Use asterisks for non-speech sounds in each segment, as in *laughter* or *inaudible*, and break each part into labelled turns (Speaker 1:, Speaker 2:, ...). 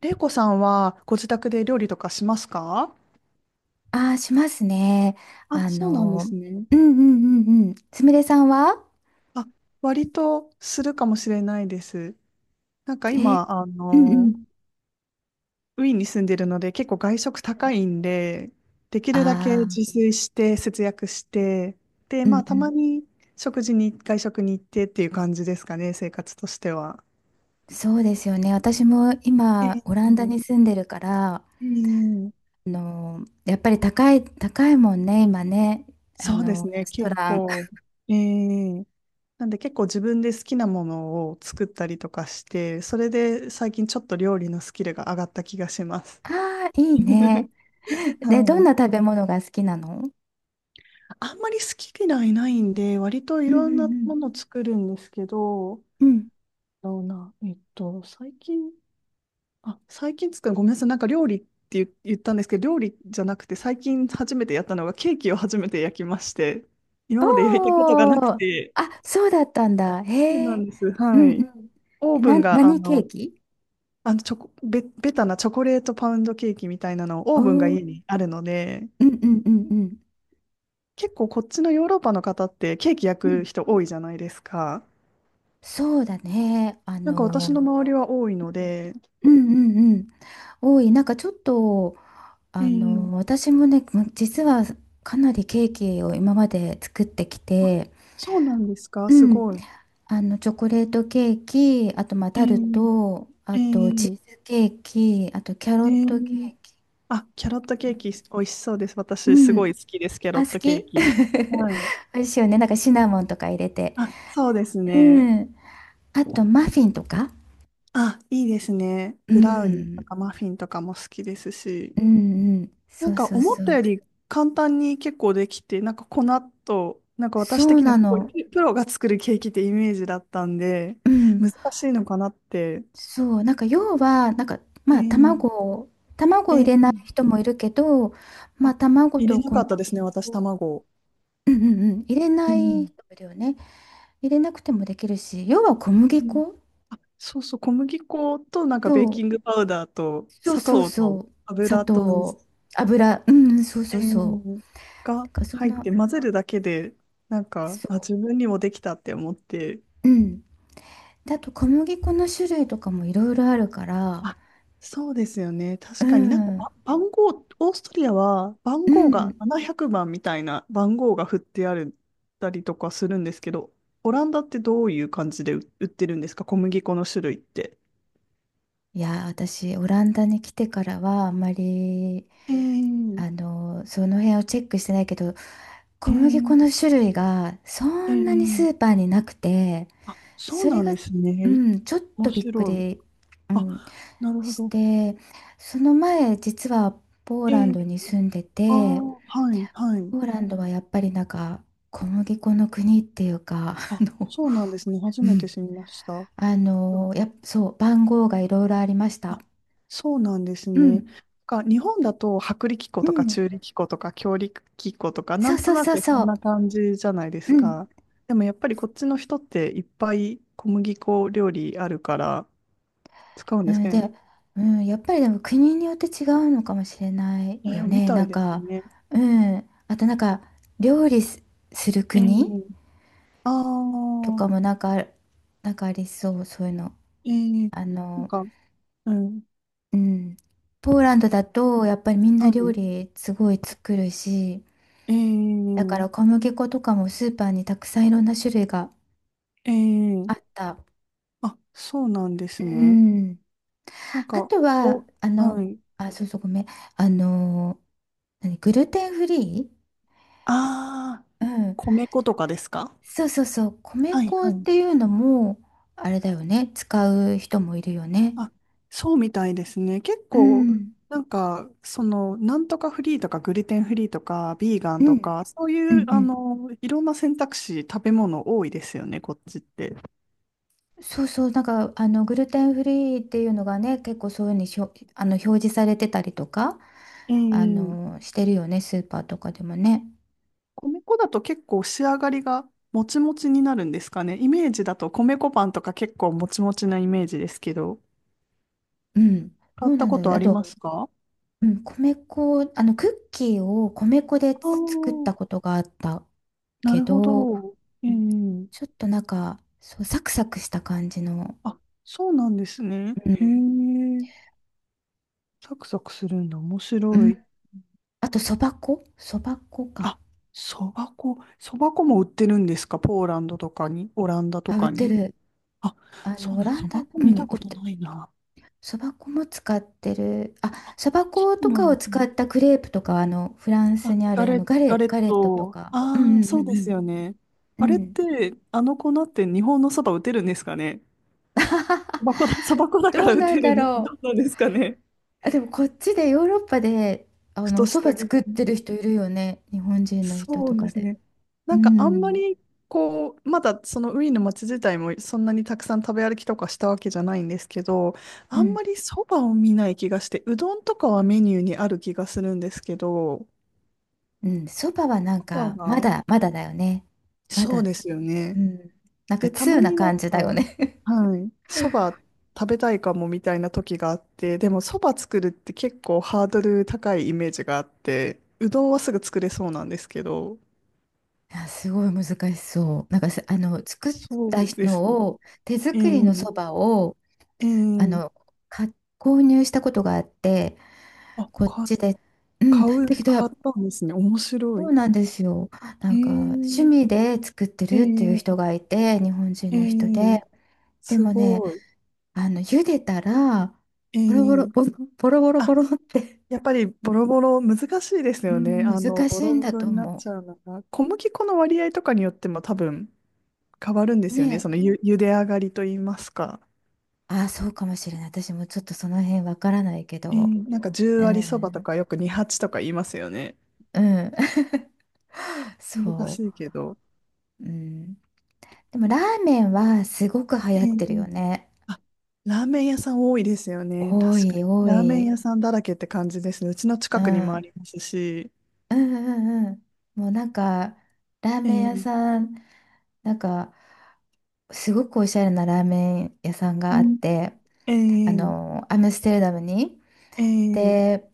Speaker 1: 玲子さんはご自宅で料理とかしますか？
Speaker 2: ああ、しますね。
Speaker 1: あ、
Speaker 2: あ
Speaker 1: そうなんで
Speaker 2: の、
Speaker 1: すね。
Speaker 2: うんうんうんうん。すみれさんは？
Speaker 1: あ、割とするかもしれないです。なんか
Speaker 2: え、
Speaker 1: 今、
Speaker 2: うんうん。
Speaker 1: ウィーンに住んでるので結構外食高いんで、できるだけ
Speaker 2: ああ、
Speaker 1: 自炊して節約して、で、
Speaker 2: う
Speaker 1: ま
Speaker 2: ん
Speaker 1: あ
Speaker 2: う
Speaker 1: たま
Speaker 2: ん。
Speaker 1: に食事に、外食に行ってっていう感じですかね、生活としては。
Speaker 2: そうですよね。私も
Speaker 1: え
Speaker 2: 今、オランダに
Speaker 1: え、
Speaker 2: 住んでるから、
Speaker 1: ええ、
Speaker 2: やっぱり高い、高いもんね、今ね。
Speaker 1: そうです
Speaker 2: レ
Speaker 1: ね、
Speaker 2: スト
Speaker 1: 結
Speaker 2: ラン。
Speaker 1: 構。ええ、なんで結構自分で好きなものを作ったりとかして、それで最近ちょっと料理のスキルが上がった気がします。
Speaker 2: *laughs* ああ、いいね。
Speaker 1: *laughs*
Speaker 2: *laughs* で、ど
Speaker 1: は
Speaker 2: ん
Speaker 1: い。
Speaker 2: な食べ物が好きなの？
Speaker 1: あんまり好き嫌いないんで、割と
Speaker 2: う
Speaker 1: い
Speaker 2: ん
Speaker 1: ろんな
Speaker 2: うん
Speaker 1: もの作るんですけど、
Speaker 2: うん。うん。
Speaker 1: どうな、えっと、最近、あ、最近作る、ごめんなさい、なんか料理って言ったんですけど、料理じゃなくて、最近初めてやったのがケーキを初めて焼きまして、今まで焼いたことが
Speaker 2: お
Speaker 1: なく
Speaker 2: ー、
Speaker 1: て、
Speaker 2: あ、そうだったんだ。
Speaker 1: そう
Speaker 2: へ
Speaker 1: な
Speaker 2: え。
Speaker 1: んです。
Speaker 2: う
Speaker 1: は
Speaker 2: んう
Speaker 1: い。
Speaker 2: ん。
Speaker 1: オーブンが、あ
Speaker 2: 何ケー
Speaker 1: の、
Speaker 2: キ？
Speaker 1: あの、チョコ、ベベタなチョコレートパウンドケーキみたいなのをオ
Speaker 2: お
Speaker 1: ーブンが
Speaker 2: お、う
Speaker 1: 家
Speaker 2: ん
Speaker 1: にあるので、
Speaker 2: うんうんうん。
Speaker 1: 結構こっちのヨーロッパの方ってケーキ焼
Speaker 2: う
Speaker 1: く
Speaker 2: ん。
Speaker 1: 人多いじゃないですか。
Speaker 2: そうだね。
Speaker 1: なんか私の周りは多いので、
Speaker 2: うんうんうん。多い。なんかちょっと、
Speaker 1: ええ、
Speaker 2: 私もね、実はかなりケーキを今まで作ってき
Speaker 1: あ、
Speaker 2: て、
Speaker 1: そうなんですか、
Speaker 2: う
Speaker 1: す
Speaker 2: ん。
Speaker 1: ごい。
Speaker 2: チョコレートケーキ、あと、まあ、
Speaker 1: え
Speaker 2: タルト、
Speaker 1: え、
Speaker 2: あ
Speaker 1: え
Speaker 2: と、チーズ
Speaker 1: え、
Speaker 2: ケーキ、あと、キャロ
Speaker 1: え
Speaker 2: ットケ
Speaker 1: え、
Speaker 2: ーキ。
Speaker 1: あ、キャロットケーキ美味しそうです。
Speaker 2: う
Speaker 1: 私すごい
Speaker 2: ん。
Speaker 1: 好きです、キャ
Speaker 2: あ、
Speaker 1: ロッ
Speaker 2: 好
Speaker 1: トケ
Speaker 2: き。
Speaker 1: ーキ。はい。
Speaker 2: *laughs* 美味しいよね。なんかシナモンとか入れて。
Speaker 1: あ、そうです
Speaker 2: う
Speaker 1: ね。
Speaker 2: ん。あと、マフィンとか。
Speaker 1: あ、いいですね。
Speaker 2: う
Speaker 1: ブラウニーと
Speaker 2: ん。
Speaker 1: かマフィンとかも好きですし。
Speaker 2: うんうん、
Speaker 1: な
Speaker 2: そ
Speaker 1: ん
Speaker 2: う
Speaker 1: か
Speaker 2: そう
Speaker 1: 思
Speaker 2: そ
Speaker 1: った
Speaker 2: う。
Speaker 1: より簡単に結構できて、なんか粉と、なんか
Speaker 2: そ
Speaker 1: 私
Speaker 2: う
Speaker 1: 的には
Speaker 2: な
Speaker 1: すごい
Speaker 2: の。
Speaker 1: プロが作るケーキってイメージだったんで、
Speaker 2: うん。
Speaker 1: 難しいのかなって。
Speaker 2: そう。なんか要は、なんか、
Speaker 1: え
Speaker 2: まあ
Speaker 1: ー、
Speaker 2: 卵を、卵
Speaker 1: え
Speaker 2: を入
Speaker 1: ー、
Speaker 2: れない人もいるけど、まあ
Speaker 1: あ、
Speaker 2: 卵
Speaker 1: 入れ
Speaker 2: と
Speaker 1: な
Speaker 2: 小
Speaker 1: かっ
Speaker 2: 麦
Speaker 1: たですね、私、
Speaker 2: 粉、
Speaker 1: 卵。
Speaker 2: うんうんうん、入れ
Speaker 1: う
Speaker 2: ない
Speaker 1: ん。
Speaker 2: 人もいるよね。入れなくてもできるし、要は小
Speaker 1: う
Speaker 2: 麦
Speaker 1: ん、
Speaker 2: 粉、
Speaker 1: あ、そうそう、小麦粉となんかベー
Speaker 2: そ
Speaker 1: キ
Speaker 2: う、
Speaker 1: ングパウダーと
Speaker 2: そう
Speaker 1: 砂
Speaker 2: そう
Speaker 1: 糖
Speaker 2: そ
Speaker 1: と
Speaker 2: う、砂
Speaker 1: 油と水、
Speaker 2: 糖、油、うん、そうそ
Speaker 1: え
Speaker 2: うそ
Speaker 1: ー、
Speaker 2: う。だ
Speaker 1: が
Speaker 2: からそん
Speaker 1: 入っ
Speaker 2: な、
Speaker 1: て混ぜるだけで、なんか、
Speaker 2: そ
Speaker 1: あ、自分にもできたって思って、
Speaker 2: う。うん。だと小麦粉の種類とかもいろいろあるから、
Speaker 1: あ、そうですよね。
Speaker 2: う
Speaker 1: 確かになんか
Speaker 2: ん。
Speaker 1: ば番号、オーストリアは番
Speaker 2: う
Speaker 1: 号が
Speaker 2: ん。
Speaker 1: 700番みたいな番号が振ってあるたりとかするんですけど、オランダってどういう感じで売ってるんですか、小麦粉の種類って。
Speaker 2: いやー、私、オランダに来てからは、あんまり、
Speaker 1: えー、
Speaker 2: その辺をチェックしてないけど、
Speaker 1: え
Speaker 2: 小麦粉
Speaker 1: ー、
Speaker 2: の種類がそ
Speaker 1: え
Speaker 2: んなにス
Speaker 1: ー、
Speaker 2: ーパーになくて、
Speaker 1: あ、そう
Speaker 2: それ
Speaker 1: なん
Speaker 2: が、
Speaker 1: です
Speaker 2: う
Speaker 1: ね。
Speaker 2: ん、ちょっ
Speaker 1: 面
Speaker 2: とびっく
Speaker 1: 白い。
Speaker 2: り、うん、
Speaker 1: あ、なるほ
Speaker 2: し
Speaker 1: ど。
Speaker 2: て、その前、実はポー
Speaker 1: え
Speaker 2: ランド
Speaker 1: ー、
Speaker 2: に住んで
Speaker 1: ああ、
Speaker 2: て、
Speaker 1: はい、はい。
Speaker 2: ポーランドはやっぱりなんか、小麦粉の国っていうか、*laughs*
Speaker 1: あ、そうなんですね。初
Speaker 2: う
Speaker 1: めて
Speaker 2: ん、
Speaker 1: 知りました。
Speaker 2: そう、番号がいろいろありました。
Speaker 1: あ、そうなんです
Speaker 2: う
Speaker 1: ね。
Speaker 2: ん、
Speaker 1: か、日本だと薄力粉
Speaker 2: う
Speaker 1: とか
Speaker 2: ん。
Speaker 1: 中力粉とか強力粉とかな
Speaker 2: そう
Speaker 1: んと
Speaker 2: そう
Speaker 1: な
Speaker 2: そう
Speaker 1: くこ
Speaker 2: そ
Speaker 1: ん
Speaker 2: う。
Speaker 1: な感じじゃないで
Speaker 2: う
Speaker 1: す
Speaker 2: ん、
Speaker 1: か。でもやっぱりこっちの人っていっぱい小麦粉料理あるから使うん
Speaker 2: う
Speaker 1: です
Speaker 2: ん
Speaker 1: けど
Speaker 2: で、
Speaker 1: ね。
Speaker 2: うん、やっぱりでも国によって違うのかもしれない
Speaker 1: え
Speaker 2: よ
Speaker 1: ー、み
Speaker 2: ね。
Speaker 1: た
Speaker 2: なん
Speaker 1: いです
Speaker 2: か、
Speaker 1: ね。
Speaker 2: うん、あとなんか料理す、する
Speaker 1: え
Speaker 2: 国
Speaker 1: ー、あ
Speaker 2: とか
Speaker 1: あ、
Speaker 2: もなんか、なんかありそう、そういうの。
Speaker 1: えー、
Speaker 2: あ
Speaker 1: なん
Speaker 2: の、
Speaker 1: か、うん、
Speaker 2: うん、ポーランドだとやっぱりみんな料
Speaker 1: は
Speaker 2: 理すごい作るし、
Speaker 1: い、え
Speaker 2: だか
Speaker 1: ー、
Speaker 2: ら小麦粉とかもスーパーにたくさんいろんな種類が
Speaker 1: えー、
Speaker 2: あった。
Speaker 1: あ、そうなんで
Speaker 2: う
Speaker 1: すね。
Speaker 2: ん、
Speaker 1: なん
Speaker 2: あ
Speaker 1: か、
Speaker 2: とは、
Speaker 1: お、はい、
Speaker 2: あ、そうそう、ごめん、あの、何？グルテンフリー？
Speaker 1: ああ、
Speaker 2: うん、
Speaker 1: 米粉とかですか？
Speaker 2: そうそうそう、米
Speaker 1: はい、
Speaker 2: 粉っ
Speaker 1: はい。
Speaker 2: ていうのも、あれだよね、使う人もいるよね。
Speaker 1: あ、そうみたいですね。結
Speaker 2: う
Speaker 1: 構、
Speaker 2: ん、
Speaker 1: なんか、その、なんとかフリーとか、グルテンフリーとか、ビーガ
Speaker 2: う
Speaker 1: ンと
Speaker 2: ん、
Speaker 1: か、そう
Speaker 2: う
Speaker 1: いう、
Speaker 2: ん、う
Speaker 1: あ
Speaker 2: ん。
Speaker 1: の、いろんな選択肢、食べ物多いですよね、こっちって。
Speaker 2: そうそう、なんか、グルテンフリーっていうのがね、結構そういうふうに表示されてたりとか、
Speaker 1: ええ、
Speaker 2: してるよね、スーパーとかでもね。
Speaker 1: 米粉だと結構仕上がりがもちもちになるんですかね。イメージだと米粉パンとか結構もちもちなイメージですけど、
Speaker 2: うん、ど
Speaker 1: 買
Speaker 2: う
Speaker 1: った
Speaker 2: なん
Speaker 1: こ
Speaker 2: だろう。
Speaker 1: とあ
Speaker 2: あ
Speaker 1: り
Speaker 2: と、
Speaker 1: ますか？
Speaker 2: うん、米粉、クッキーを米粉で
Speaker 1: ああ
Speaker 2: つ作っ
Speaker 1: ー、
Speaker 2: たことがあった
Speaker 1: な
Speaker 2: け
Speaker 1: るほ
Speaker 2: ど、
Speaker 1: ど。え
Speaker 2: うん、
Speaker 1: え、
Speaker 2: ちょっとなんか、そう、サクサクした感じの。
Speaker 1: あ、そうなんですね。へえ。サクサクするんだ。面
Speaker 2: う
Speaker 1: 白
Speaker 2: ん。
Speaker 1: い。
Speaker 2: あと、そば粉か。
Speaker 1: あ、そば粉。そば粉も売ってるんですか、ポーランドとかに、オランダと
Speaker 2: あ、売っ
Speaker 1: か
Speaker 2: て
Speaker 1: に。
Speaker 2: る。
Speaker 1: あ、そう
Speaker 2: オ
Speaker 1: なん、
Speaker 2: ラン
Speaker 1: そ
Speaker 2: ダ、う
Speaker 1: ば粉見
Speaker 2: ん、売
Speaker 1: た
Speaker 2: っ
Speaker 1: こと
Speaker 2: て、
Speaker 1: ないな。
Speaker 2: そば粉も使ってる。あ、
Speaker 1: あ、
Speaker 2: そば
Speaker 1: そ
Speaker 2: 粉
Speaker 1: う
Speaker 2: と
Speaker 1: な
Speaker 2: か
Speaker 1: ん
Speaker 2: を
Speaker 1: です
Speaker 2: 使
Speaker 1: ね。
Speaker 2: ったクレープとかは、フランス
Speaker 1: あ、
Speaker 2: にあ
Speaker 1: ガ
Speaker 2: る、
Speaker 1: レ、ガレ
Speaker 2: ガ
Speaker 1: ッ
Speaker 2: レットと
Speaker 1: ト。
Speaker 2: か。うん
Speaker 1: ああ、
Speaker 2: うん
Speaker 1: そ
Speaker 2: う
Speaker 1: うです
Speaker 2: ん
Speaker 1: よね。
Speaker 2: う
Speaker 1: あ
Speaker 2: ん。
Speaker 1: れっ
Speaker 2: うん。
Speaker 1: て、あの粉って日本のそば打てるんですかね。そば粉だ、そば粉だか
Speaker 2: ど
Speaker 1: ら
Speaker 2: う
Speaker 1: 打
Speaker 2: な
Speaker 1: て
Speaker 2: んだ
Speaker 1: る。ど
Speaker 2: ろ
Speaker 1: うなんですかね。
Speaker 2: う。あ、でも、こっちでヨーロッパで、
Speaker 1: ふと
Speaker 2: お
Speaker 1: し
Speaker 2: 蕎
Speaker 1: た
Speaker 2: 麦
Speaker 1: 疑
Speaker 2: 作って
Speaker 1: 問。
Speaker 2: る人いるよね。日本人の人
Speaker 1: そ
Speaker 2: と
Speaker 1: うで
Speaker 2: か
Speaker 1: す
Speaker 2: で。
Speaker 1: ね。
Speaker 2: う
Speaker 1: なんかあんま
Speaker 2: ん。
Speaker 1: りこう、まだそのウィーンの街自体もそんなにたくさん食べ歩きとかしたわけじゃないんですけど、
Speaker 2: う
Speaker 1: あん
Speaker 2: ん。
Speaker 1: まりそばを見ない気がして、うどんとかはメニューにある気がするんですけど、
Speaker 2: うん。そばはなん
Speaker 1: そば
Speaker 2: か、ま
Speaker 1: が、
Speaker 2: だ、まだだよね。ま
Speaker 1: そう
Speaker 2: だ、
Speaker 1: ですよね。
Speaker 2: うん。なんか、
Speaker 1: で、た
Speaker 2: 通
Speaker 1: ま
Speaker 2: な
Speaker 1: になん
Speaker 2: 感じだよ
Speaker 1: か、
Speaker 2: ね。
Speaker 1: はい、そば食べたいかもみたいな時があって、でもそば作るって結構ハードル高いイメージがあって、うどんはすぐ作れそうなんですけど、
Speaker 2: あ、すごい難しそう。なんかす、作った
Speaker 1: そうです
Speaker 2: の
Speaker 1: ね。
Speaker 2: を、手
Speaker 1: え
Speaker 2: 作りの
Speaker 1: え、
Speaker 2: そばを、あ
Speaker 1: え
Speaker 2: の、
Speaker 1: え、
Speaker 2: か、購入したことがあって、
Speaker 1: あ、
Speaker 2: こう、
Speaker 1: か、
Speaker 2: うん、
Speaker 1: 買
Speaker 2: だ
Speaker 1: う、
Speaker 2: けど、
Speaker 1: 買ったんですね。面白
Speaker 2: そう
Speaker 1: い。
Speaker 2: なんですよ。なんか、趣
Speaker 1: え
Speaker 2: 味
Speaker 1: え、
Speaker 2: で作ってるっていう人
Speaker 1: ええ、
Speaker 2: がいて、日本人
Speaker 1: え
Speaker 2: の人
Speaker 1: え、
Speaker 2: で。で
Speaker 1: す
Speaker 2: もね、
Speaker 1: ごい。
Speaker 2: 茹でたら、
Speaker 1: え
Speaker 2: ボロボロ、
Speaker 1: え、
Speaker 2: ボロボロボロボ
Speaker 1: あ、
Speaker 2: ロって、
Speaker 1: やっぱりボロボロ、難しいです
Speaker 2: う
Speaker 1: よね。
Speaker 2: ん、
Speaker 1: あの、
Speaker 2: 難し
Speaker 1: ボ
Speaker 2: い
Speaker 1: ロ
Speaker 2: ん
Speaker 1: ボ
Speaker 2: だ
Speaker 1: ロ
Speaker 2: と
Speaker 1: になっ
Speaker 2: 思
Speaker 1: ちゃうのが。小麦粉の割合とかによっても多分変わるんで
Speaker 2: う。
Speaker 1: す
Speaker 2: ね
Speaker 1: よね。そ
Speaker 2: え。
Speaker 1: のゆ、茹で上がりと言いますか。
Speaker 2: ああ、そうかもしれない。私もちょっとその辺わからないけ
Speaker 1: ええ、
Speaker 2: ど。
Speaker 1: なんか10
Speaker 2: う
Speaker 1: 割そばと
Speaker 2: ん。
Speaker 1: かよく28とか言いますよね。
Speaker 2: うん。*laughs*
Speaker 1: 難
Speaker 2: そ
Speaker 1: しいけど。
Speaker 2: う。うん。でもラーメンはすごく流
Speaker 1: え
Speaker 2: 行っ
Speaker 1: え、
Speaker 2: てるよね。
Speaker 1: あ、ラーメン屋さん多いですよね。
Speaker 2: 多
Speaker 1: 確か
Speaker 2: い
Speaker 1: に。
Speaker 2: 多
Speaker 1: ラーメン
Speaker 2: い。
Speaker 1: 屋さんだらけって感じですね。うちの
Speaker 2: う
Speaker 1: 近くにもあ
Speaker 2: ん。
Speaker 1: りますし。
Speaker 2: うんうんうん。もうなんか、ラー
Speaker 1: え
Speaker 2: メン屋
Speaker 1: ー、
Speaker 2: さん、なんか、すごくおしゃれなラーメン屋さん
Speaker 1: う
Speaker 2: があっ
Speaker 1: ん、
Speaker 2: て、
Speaker 1: えー、
Speaker 2: アムステルダムに。
Speaker 1: えー、
Speaker 2: で、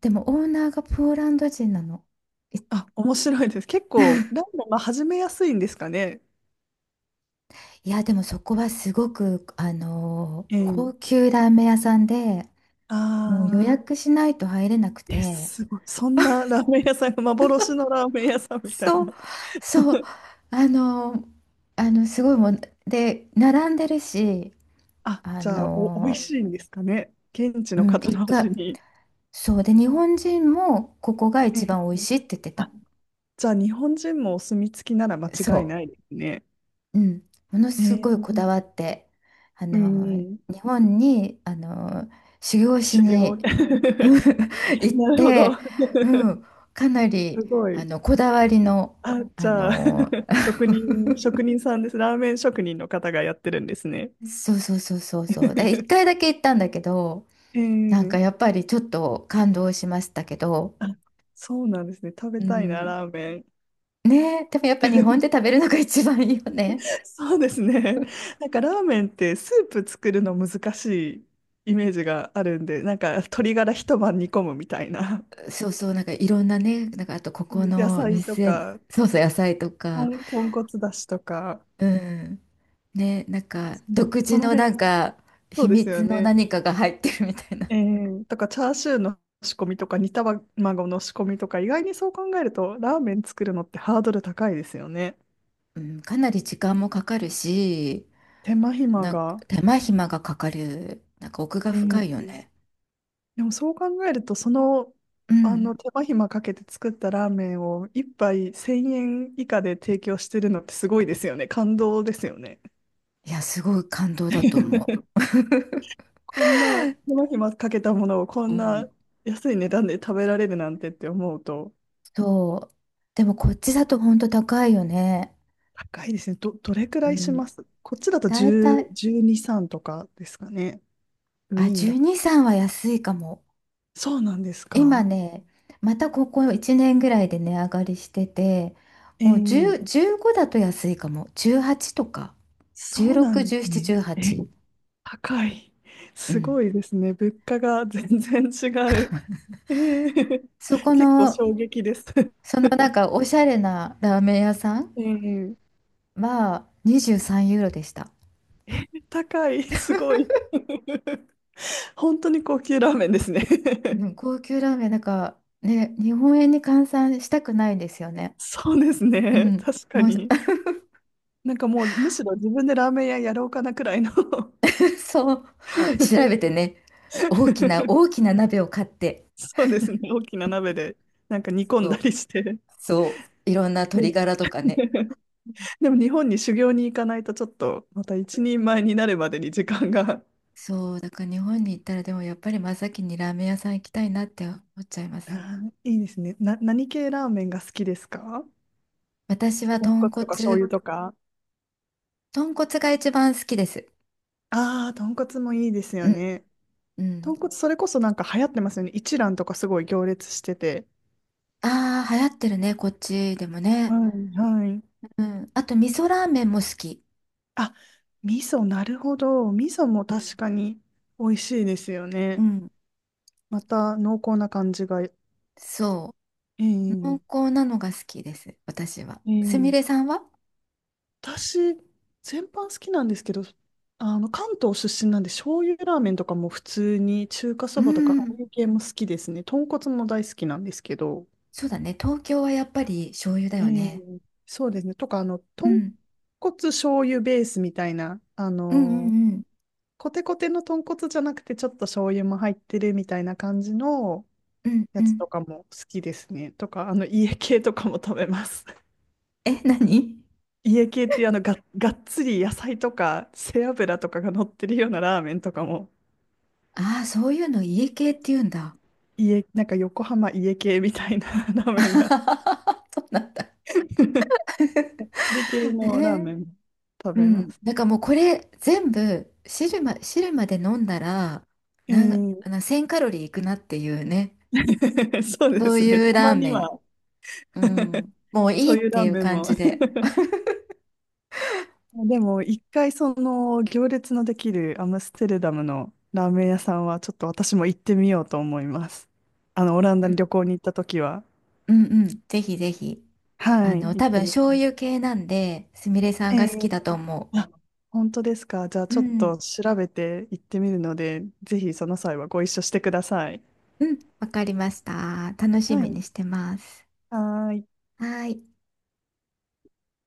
Speaker 2: でもオーナーがポーランド人なの。い
Speaker 1: あ、面白いです。結構、ラーメン、まあ、始めやすいんですかね。
Speaker 2: いや、でもそこはすごく、
Speaker 1: えー、
Speaker 2: 高級ラーメン屋さんで、もう予
Speaker 1: あ
Speaker 2: 約しないと入れなく
Speaker 1: ー、え、
Speaker 2: て、
Speaker 1: すごい。そんなラーメン屋さんが幻のラーメン屋さんみたい
Speaker 2: そう、
Speaker 1: な。
Speaker 2: そう、
Speaker 1: *laughs*
Speaker 2: あの、すごいもんで、並んでるし、
Speaker 1: あ、
Speaker 2: あ
Speaker 1: じゃあ、お、美味
Speaker 2: の、
Speaker 1: しいんですかね。現地
Speaker 2: う
Speaker 1: の
Speaker 2: ん、
Speaker 1: 方
Speaker 2: 一
Speaker 1: の
Speaker 2: 回、
Speaker 1: 味に。
Speaker 2: そうで、日本人もここが
Speaker 1: え
Speaker 2: 一番美味
Speaker 1: ー、
Speaker 2: しいって言ってた。
Speaker 1: あ、じゃあ、日本人もお墨付きなら間
Speaker 2: そ
Speaker 1: 違いないですね。
Speaker 2: う、うん、もの
Speaker 1: え
Speaker 2: すごいこだ
Speaker 1: ー、
Speaker 2: わって、あ
Speaker 1: う
Speaker 2: の、
Speaker 1: ん、
Speaker 2: 日本に、修行し
Speaker 1: 修行。
Speaker 2: に、うん、
Speaker 1: *laughs*
Speaker 2: *laughs* 行っ
Speaker 1: なるほど。
Speaker 2: て、う
Speaker 1: *laughs*
Speaker 2: ん、かな
Speaker 1: す
Speaker 2: り、
Speaker 1: ごい。
Speaker 2: こだわりの、
Speaker 1: あ、じ
Speaker 2: あ
Speaker 1: ゃあ、
Speaker 2: の、
Speaker 1: *laughs* 職人、職人さんです。ラーメン職人の方がやってるんですね。
Speaker 2: そうそうそうそうそう、で、一回
Speaker 1: *laughs*
Speaker 2: だけ行ったんだけど、なんか
Speaker 1: え
Speaker 2: や
Speaker 1: え、
Speaker 2: っぱりちょっと感動しましたけど、
Speaker 1: あ、そうなんですね。食べ
Speaker 2: う
Speaker 1: たいな、
Speaker 2: ん、
Speaker 1: ラーメン。
Speaker 2: ねえ、でもやっぱ日本で食
Speaker 1: *laughs*
Speaker 2: べるのが一番いいよね。
Speaker 1: そうですね。なんかラーメンってスープ作るの難しいイメージがあるんで、なんか鶏ガラ一晩煮込むみたいな。
Speaker 2: そうそう、なんかいろんなね、なんかあとここ
Speaker 1: *laughs* 野
Speaker 2: の
Speaker 1: 菜と
Speaker 2: 店、
Speaker 1: か、
Speaker 2: そうそう、野菜とか、
Speaker 1: 豚骨だしとか、
Speaker 2: うん、ね、なんか
Speaker 1: そ、
Speaker 2: 独
Speaker 1: そ
Speaker 2: 自
Speaker 1: の
Speaker 2: のな
Speaker 1: 辺
Speaker 2: ん
Speaker 1: が、
Speaker 2: か
Speaker 1: そ
Speaker 2: 秘
Speaker 1: うです
Speaker 2: 密
Speaker 1: よ
Speaker 2: の
Speaker 1: ね。
Speaker 2: 何かが入ってるみたいな。
Speaker 1: ええ、とか、チャーシューの仕込みとか、煮卵の仕込みとか、意外にそう考えると、ラーメン作るのってハードル高いですよね。
Speaker 2: うん、かなり時間もかかるし、
Speaker 1: 手間暇
Speaker 2: なんか
Speaker 1: が。
Speaker 2: 手間暇がかかる、なんか奥が深
Speaker 1: え
Speaker 2: いよ
Speaker 1: え、
Speaker 2: ね。
Speaker 1: でもそう考えると、その、
Speaker 2: う
Speaker 1: あ
Speaker 2: ん。
Speaker 1: の手間暇かけて作ったラーメンを一杯1000円以下で提供してるのってすごいですよね。感動ですよね。
Speaker 2: いや、すごい感動だと思
Speaker 1: *laughs* こんな手間暇かけたものをこ
Speaker 2: う。う
Speaker 1: んな
Speaker 2: ん。
Speaker 1: 安い値段で食べられるなんてって思うと、
Speaker 2: そう。でもこっちだとほんと高いよね。
Speaker 1: 高いですね。ど、どれく
Speaker 2: う
Speaker 1: らいし
Speaker 2: ん。
Speaker 1: ますこっちだと
Speaker 2: だいたい、
Speaker 1: 10、12、3とかですかね。ウ
Speaker 2: あ、
Speaker 1: ィーンだと。
Speaker 2: 12、3は安いかも。
Speaker 1: そうなんです
Speaker 2: 今
Speaker 1: か？
Speaker 2: ね、またここ1年ぐらいで値上がりしてて、もう
Speaker 1: え
Speaker 2: 10、
Speaker 1: え、
Speaker 2: 15だと安いかも。18とか。
Speaker 1: そうな
Speaker 2: 16、
Speaker 1: んです
Speaker 2: 17、
Speaker 1: ね。え、
Speaker 2: 18。
Speaker 1: 高い。
Speaker 2: う
Speaker 1: す
Speaker 2: ん。
Speaker 1: ごいですね。物価が全然違う。ええ、
Speaker 2: そこ
Speaker 1: 結構
Speaker 2: の、
Speaker 1: 衝撃です。
Speaker 2: そのなん
Speaker 1: *laughs*
Speaker 2: かおしゃれなラーメン屋さん
Speaker 1: ええ、
Speaker 2: は23ユーロでした。
Speaker 1: 高い。すごい。本当に高級ラーメンですね。
Speaker 2: うん、高級ラーメン、なんかね、日本円に換算したくないんですよね。
Speaker 1: そうです
Speaker 2: う
Speaker 1: ね。
Speaker 2: ん。
Speaker 1: 確か
Speaker 2: もう
Speaker 1: に。なんかもうむしろ自分でラーメン屋やろうかなくらいの。
Speaker 2: *laughs* そう、調べて
Speaker 1: *laughs*
Speaker 2: ね、大きな大きな鍋を買って、
Speaker 1: そうですね。大きな鍋でなんか煮込ん
Speaker 2: そ
Speaker 1: だ
Speaker 2: う、
Speaker 1: りして。
Speaker 2: そう、いろんな
Speaker 1: う
Speaker 2: 鶏
Speaker 1: ん。
Speaker 2: ガラとかね。
Speaker 1: *laughs* でも日本に修行に行かないとちょっとまた一人前になるまでに時間が。
Speaker 2: そう、だから日本に行ったらでもやっぱり真っ先にラーメン屋さん行きたいなって思っちゃいま
Speaker 1: あ
Speaker 2: す。
Speaker 1: ー、いいですね。な、何系ラーメンが好きですか？
Speaker 2: 私は
Speaker 1: 豚
Speaker 2: 豚
Speaker 1: 骨とか醤
Speaker 2: 骨、
Speaker 1: 油とか。
Speaker 2: 豚骨が一番好きです。
Speaker 1: ああ、豚骨もいいです
Speaker 2: う
Speaker 1: よ
Speaker 2: ん、
Speaker 1: ね。
Speaker 2: うん。
Speaker 1: 豚骨それこそなんか流行ってますよね。一蘭とかすごい行列してて。
Speaker 2: ああ、流行ってるね、こっちでも
Speaker 1: は
Speaker 2: ね。
Speaker 1: い、はい。
Speaker 2: うん。あと、味噌ラーメンも好き。
Speaker 1: あ、味噌、なるほど。味噌も
Speaker 2: う
Speaker 1: 確
Speaker 2: ん、
Speaker 1: かに美味しいですよ
Speaker 2: う
Speaker 1: ね。
Speaker 2: ん。
Speaker 1: また濃厚な感じが。え
Speaker 2: そう、濃
Speaker 1: え、
Speaker 2: 厚なのが好きです、私は。すみ
Speaker 1: え
Speaker 2: れ
Speaker 1: え、
Speaker 2: さんは？
Speaker 1: 私、全般好きなんですけど、あの、関東出身なんで、醤油ラーメンとかも普通に、中華
Speaker 2: う
Speaker 1: そばとか、ああい
Speaker 2: ん。
Speaker 1: う系も好きですね。豚骨も大好きなんですけど、
Speaker 2: そうだね。東京はやっぱり醤油だ
Speaker 1: え
Speaker 2: よ
Speaker 1: え、
Speaker 2: ね。
Speaker 1: そうですね。とか、あの、
Speaker 2: う
Speaker 1: 豚
Speaker 2: ん。
Speaker 1: 骨醤油ベースみたいな、あ
Speaker 2: うんう
Speaker 1: の、
Speaker 2: んうん。
Speaker 1: コテコテの豚骨じゃなくて、ちょっと醤油も入ってるみたいな感じの
Speaker 2: うんう
Speaker 1: やつ
Speaker 2: ん。
Speaker 1: とかも好きですね。とか、あの、家系とかも食べます。
Speaker 2: え、何？
Speaker 1: 家系っていうあのが、がっつり野菜とか背脂とかが乗ってるようなラーメンとかも
Speaker 2: ああー、そういうの家系って言うんだ。
Speaker 1: 家、なんか横浜家系みたいな *laughs* ラー
Speaker 2: *laughs*
Speaker 1: メンが
Speaker 2: そうなんだ。
Speaker 1: *laughs*
Speaker 2: *laughs*
Speaker 1: 家系
Speaker 2: え
Speaker 1: のラー
Speaker 2: ー、
Speaker 1: メンも食
Speaker 2: う
Speaker 1: べま
Speaker 2: ん。
Speaker 1: す。
Speaker 2: だからもうこれ全部汁まで飲んだら、
Speaker 1: え
Speaker 2: なん、
Speaker 1: ー、
Speaker 2: あの1000カロリーいくなっていうね。
Speaker 1: *laughs* そうで
Speaker 2: そう
Speaker 1: すね。
Speaker 2: いう
Speaker 1: た
Speaker 2: ラー
Speaker 1: まに
Speaker 2: メン。
Speaker 1: は
Speaker 2: う
Speaker 1: *laughs*
Speaker 2: ん。もういい
Speaker 1: そう
Speaker 2: っ
Speaker 1: いうラ
Speaker 2: て
Speaker 1: ー
Speaker 2: いう
Speaker 1: メン
Speaker 2: 感
Speaker 1: も
Speaker 2: じで。
Speaker 1: でも一回その行列のできるアムステルダムのラーメン屋さんはちょっと私も行ってみようと思います。あのオラン
Speaker 2: う
Speaker 1: ダに
Speaker 2: ん
Speaker 1: 旅行に行った時は。
Speaker 2: うんうん。ぜひぜひ。
Speaker 1: はい、行っ
Speaker 2: 多分
Speaker 1: てみ
Speaker 2: 醤
Speaker 1: よ
Speaker 2: 油系なんで、すみれさ
Speaker 1: う。
Speaker 2: んが
Speaker 1: え、
Speaker 2: 好きだと思う。
Speaker 1: あ、本当ですか。じゃあ
Speaker 2: う
Speaker 1: ちょっ
Speaker 2: ん。
Speaker 1: と調べて行ってみるので、ぜひその際はご一緒してください。
Speaker 2: うん。わかりました。楽し
Speaker 1: は
Speaker 2: み
Speaker 1: い。
Speaker 2: にしてます。
Speaker 1: はーい。
Speaker 2: はーい。